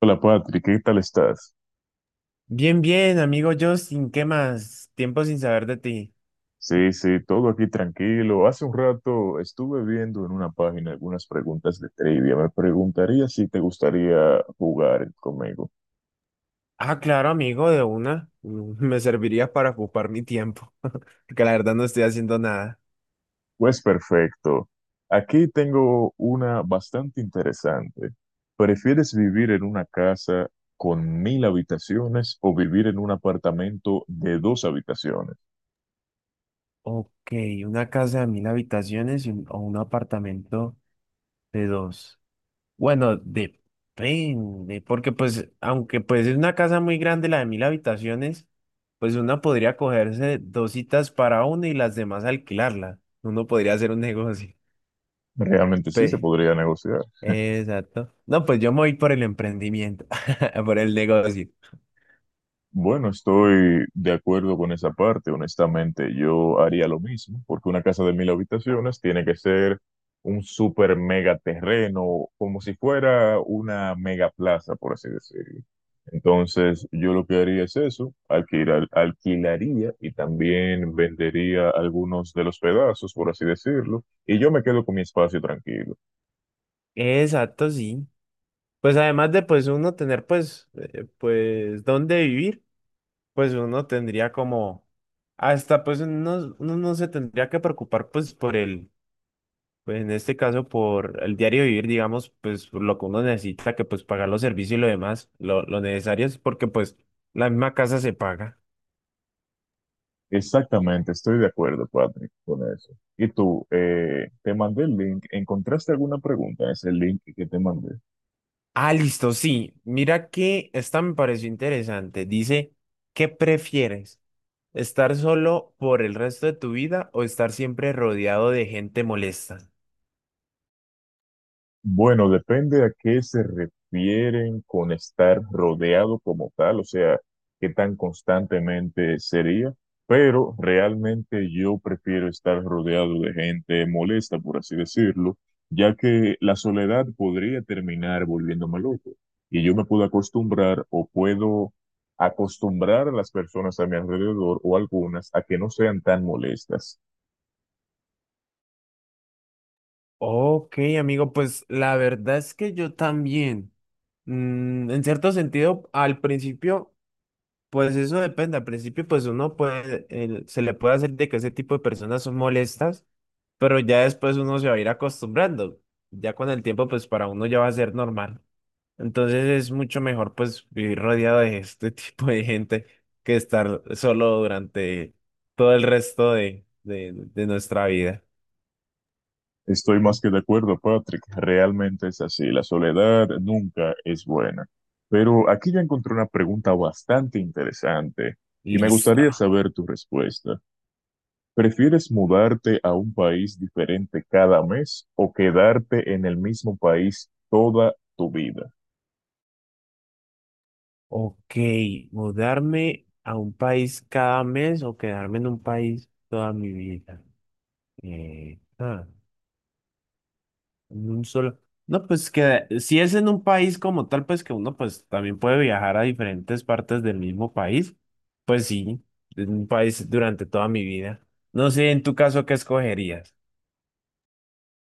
Hola Patrick, ¿qué tal estás? Bien, bien, amigo Justin, ¿qué más? Tiempo sin saber de ti. Sí, sí, todo aquí tranquilo. Hace un rato estuve viendo en una página algunas preguntas de trivia. Me preguntaría si te gustaría jugar conmigo. Ah, claro, amigo, de una. Me serviría para ocupar mi tiempo, porque la verdad no estoy haciendo nada. Pues perfecto. Aquí tengo una bastante interesante. ¿Prefieres vivir en una casa con 1000 habitaciones o vivir en un apartamento de dos habitaciones? Ok, una casa de 1.000 habitaciones y o un apartamento de dos. Bueno, depende, porque pues, aunque pues es una casa muy grande la de 1.000 habitaciones, pues una podría cogerse dos citas para uno y las demás alquilarla. Uno podría hacer un negocio. Realmente sí se podría negociar. Exacto. No, pues yo me voy por el emprendimiento, por el negocio. Bueno, estoy de acuerdo con esa parte. Honestamente, yo haría lo mismo, porque una casa de 1000 habitaciones tiene que ser un super mega terreno, como si fuera una mega plaza, por así decirlo. Entonces, yo lo que haría es eso, alquilar, alquilaría y también vendería algunos de los pedazos, por así decirlo, y yo me quedo con mi espacio tranquilo. Exacto, sí. Pues además de pues uno tener pues pues dónde vivir, pues uno tendría como hasta pues uno no se tendría que preocupar pues por el pues en este caso por el diario vivir, digamos, pues por lo que uno necesita que pues pagar los servicios y lo demás, lo necesario es porque pues la misma casa se paga. Exactamente, estoy de acuerdo, Patrick, con eso. Y tú, te mandé el link. ¿Encontraste alguna pregunta en ese link que te mandé? Ah, listo, sí. Mira que esta me pareció interesante. Dice, ¿qué prefieres? ¿Estar solo por el resto de tu vida o estar siempre rodeado de gente molesta? Bueno, depende a qué se refieren con estar rodeado como tal, o sea, qué tan constantemente sería, pero realmente yo prefiero estar rodeado de gente molesta, por así decirlo, ya que la soledad podría terminar volviéndome loco y yo me puedo acostumbrar o puedo acostumbrar a las personas a mi alrededor o algunas a que no sean tan molestas. Ok, amigo, pues la verdad es que yo también. En cierto sentido, al principio, pues eso depende. Al principio, pues uno puede, se le puede hacer de que ese tipo de personas son molestas, pero ya después uno se va a ir acostumbrando. Ya con el tiempo, pues para uno ya va a ser normal. Entonces es mucho mejor pues vivir rodeado de este tipo de gente que estar solo durante todo el resto de nuestra vida. Estoy más que de acuerdo, Patrick. Realmente es así. La soledad nunca es buena. Pero aquí ya encontré una pregunta bastante interesante y me Listo. gustaría saber tu respuesta. ¿Prefieres mudarte a un país diferente cada mes o quedarte en el mismo país toda tu vida? Ok, mudarme a un país cada mes o quedarme en un país toda mi vida. Eh, ah. En un solo. No, pues que si es en un país como tal, pues que uno pues también puede viajar a diferentes partes del mismo país. Pues sí, en un país durante toda mi vida. No sé, en tu caso, ¿qué escogerías?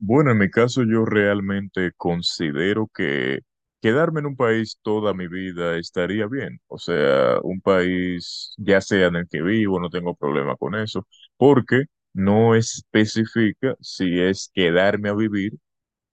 Bueno, en mi caso yo realmente considero que quedarme en un país toda mi vida estaría bien. O sea, un país ya sea en el que vivo, no tengo problema con eso, porque no especifica si es quedarme a vivir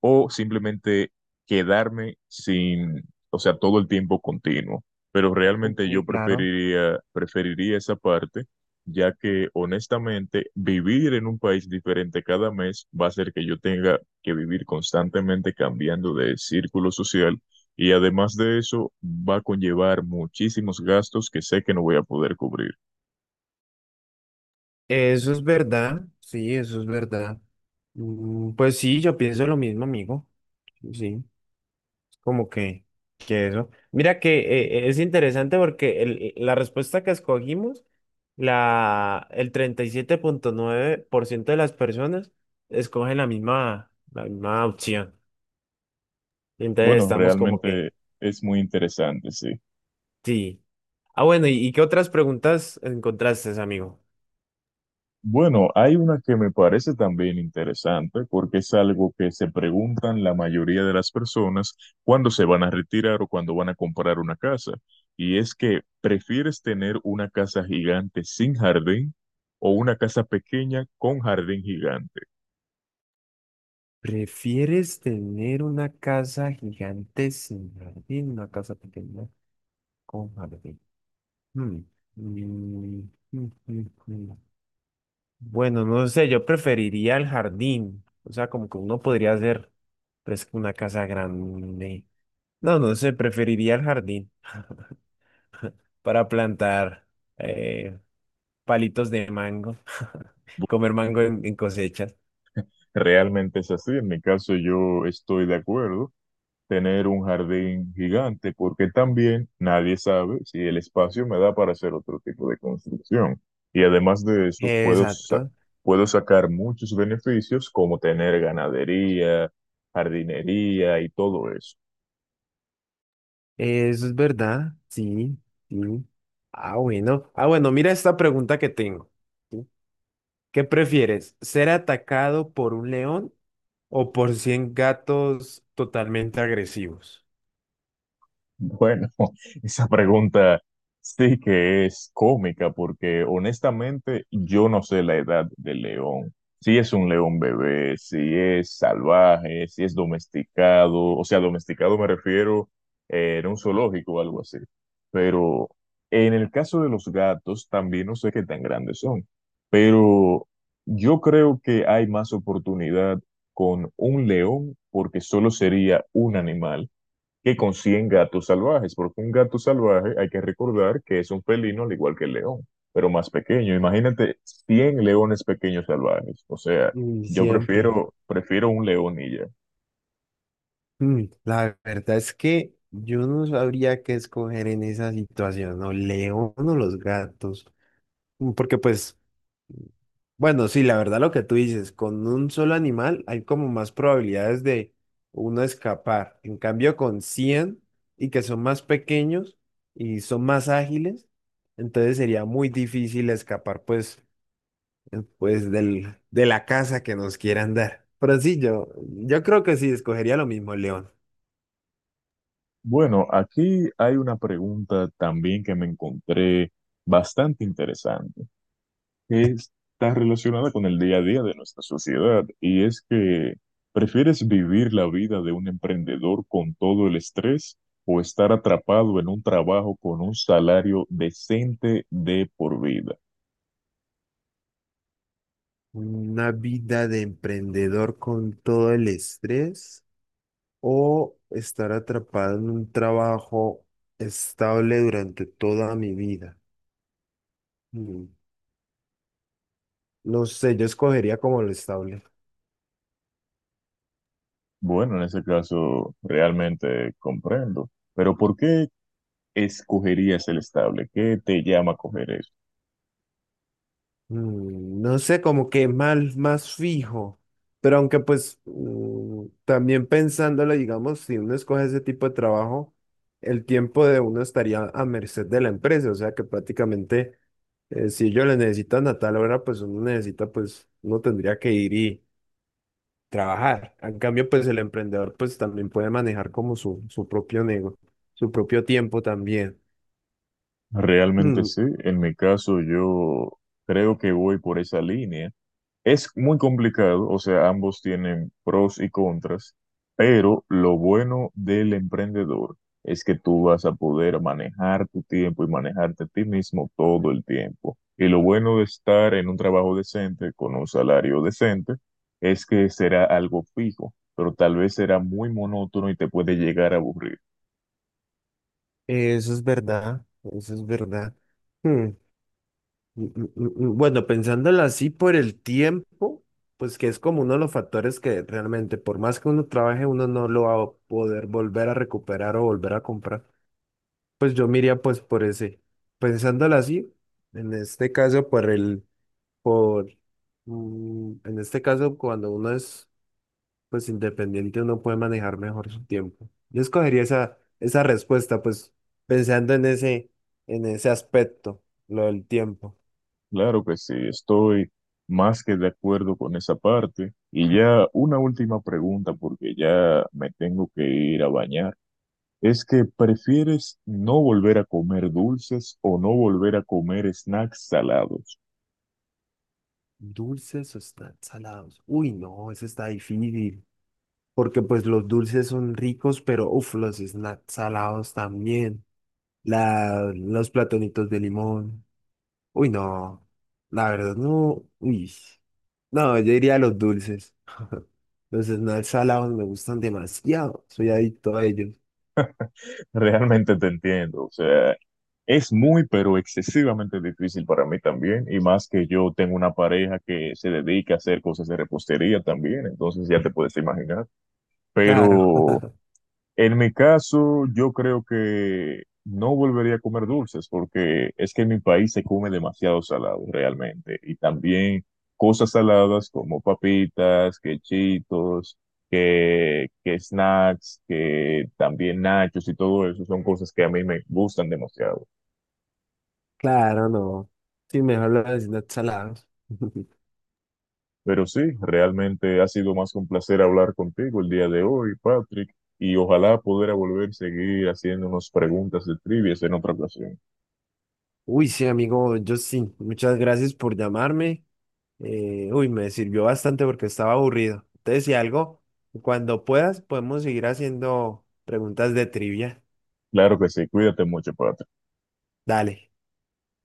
o simplemente quedarme sin, o sea, todo el tiempo continuo. Pero realmente yo Sí, claro. preferiría, preferiría esa parte, ya que honestamente vivir en un país diferente cada mes va a hacer que yo tenga que vivir constantemente cambiando de círculo social y además de eso va a conllevar muchísimos gastos que sé que no voy a poder cubrir. Eso es verdad, sí, eso es verdad. Pues sí, yo pienso lo mismo, amigo. Sí. Como que eso. Mira que es interesante porque la respuesta que escogimos, el 37,9% de las personas escogen la misma opción. Entonces Bueno, estamos como realmente que, es muy interesante, sí. sí. Ah, bueno, y qué otras preguntas encontraste, amigo? Bueno, hay una que me parece también interesante porque es algo que se preguntan la mayoría de las personas cuando se van a retirar o cuando van a comprar una casa. Y es que, ¿prefieres tener una casa gigante sin jardín o una casa pequeña con jardín gigante? ¿Prefieres tener una casa gigante sin jardín, una casa pequeña con jardín? Hmm. Mm, mm, mm, mm. Bueno, no sé, yo preferiría el jardín. O sea, como que uno podría hacer pues, una casa grande. No, no sé, preferiría el jardín para plantar eh, palitos de mango, comer mango en cosechas. Realmente es así. En mi caso, yo estoy de acuerdo tener un jardín gigante, porque también nadie sabe si el espacio me da para hacer otro tipo de construcción. Y además de eso, puedo, Exacto, puedo sacar muchos beneficios como tener ganadería, jardinería y todo eso. eso es verdad, sí, sí. Ah, bueno. Ah, bueno, mira esta pregunta que tengo. ¿Sí? ¿Qué prefieres? ¿Ser atacado por un león o por 100 gatos totalmente agresivos? Bueno, esa pregunta sí que es cómica porque honestamente yo no sé la edad del león. Si es un león bebé, si es salvaje, si es domesticado, o sea, domesticado me refiero en un zoológico o algo así. Pero en el caso de los gatos también no sé qué tan grandes son, pero yo creo que hay más oportunidad con un león porque solo sería un animal que consiguen gatos salvajes, porque un gato salvaje hay que recordar que es un felino al igual que el león, pero más pequeño. Imagínate 100 leones pequeños salvajes. O sea, Mm, yo Siempre. prefiero, prefiero un león y ya. La verdad es que yo no sabría qué escoger en esa situación, o león o los gatos. Porque pues, bueno, sí, la verdad lo que tú dices, con un solo animal hay como más probabilidades de uno escapar. En cambio, con 100 y que son más pequeños y son más ágiles, entonces sería muy difícil escapar pues, pues de la casa que nos quieran dar. Pero sí, yo creo que sí, escogería lo mismo, león. Bueno, aquí hay una pregunta también que me encontré bastante interesante. Que está relacionada con el día a día de nuestra sociedad y es que ¿prefieres vivir la vida de un emprendedor con todo el estrés o estar atrapado en un trabajo con un salario decente de por vida? Una vida de emprendedor con todo el estrés o estar atrapado en un trabajo estable durante toda mi vida. Mm, No sé, yo escogería como lo estable. Bueno, en ese caso realmente comprendo, pero ¿por qué escogerías el estable? ¿Qué te llama a coger eso? No sé, como que más, más fijo. Pero aunque pues también pensándolo, digamos, si uno escoge ese tipo de trabajo, el tiempo de uno estaría a merced de la empresa. O sea que prácticamente si ellos le necesitan a tal hora, pues uno necesita, pues uno tendría que ir y trabajar. En cambio, pues el emprendedor pues también puede manejar como su propio negocio, su propio tiempo también. Realmente Mm, sí, en mi caso yo creo que voy por esa línea. Es muy complicado, o sea, ambos tienen pros y contras, pero lo bueno del emprendedor es que tú vas a poder manejar tu tiempo y manejarte a ti mismo todo el tiempo. Y lo bueno de estar en un trabajo decente, con un salario decente, es que será algo fijo, pero tal vez será muy monótono y te puede llegar a aburrir. eso es verdad, eso es verdad. Mm, mm. Bueno, pensándolo así por el tiempo, pues que es como uno de los factores que realmente, por más que uno trabaje, uno no lo va a poder volver a recuperar o volver a comprar. Pues yo miraría pues por ese, pensándolo así, en este caso por el, por, en este caso cuando uno es pues independiente, uno puede manejar mejor su tiempo. Yo escogería esa respuesta, pues pensando en ese aspecto, lo del tiempo. Claro que sí, estoy más que de acuerdo con esa parte. Y ya una última pregunta, porque ya me tengo que ir a bañar. Es que prefieres no volver a comer dulces o no volver a comer snacks salados. Dulces o están salados. Uy, no, eso está difícil. Porque pues los dulces son ricos, pero uff, los snacks salados también. La, los platonitos de limón. Uy, no. La verdad, no. Uy. No, yo diría los dulces. Los snacks salados me gustan demasiado. Soy adicto a ellos. Realmente te entiendo. O sea, es muy, pero excesivamente difícil para mí también. Y más que yo tengo una pareja que se dedica a hacer cosas de repostería también. Entonces ya te puedes imaginar. Claro, Pero en mi caso, yo creo que no volvería a comer dulces porque es que en mi país se come demasiado salado realmente y también cosas saladas como papitas, que chitos, que snacks, que también nachos y todo eso son cosas que a mí me gustan demasiado. claro, no. Sí, mejor los snacks salados. Pero sí, realmente ha sido más que un placer hablar contigo el día de hoy, Patrick, y ojalá poder volver a seguir haciéndonos preguntas de trivias en otra ocasión. Uy, sí, amigo yo sí, muchas gracias por llamarme. Uy, me sirvió bastante porque estaba aburrido. Entonces, si algo, cuando puedas, podemos seguir haciendo preguntas de trivia. Claro que sí, cuídate mucho, Patrick. Dale.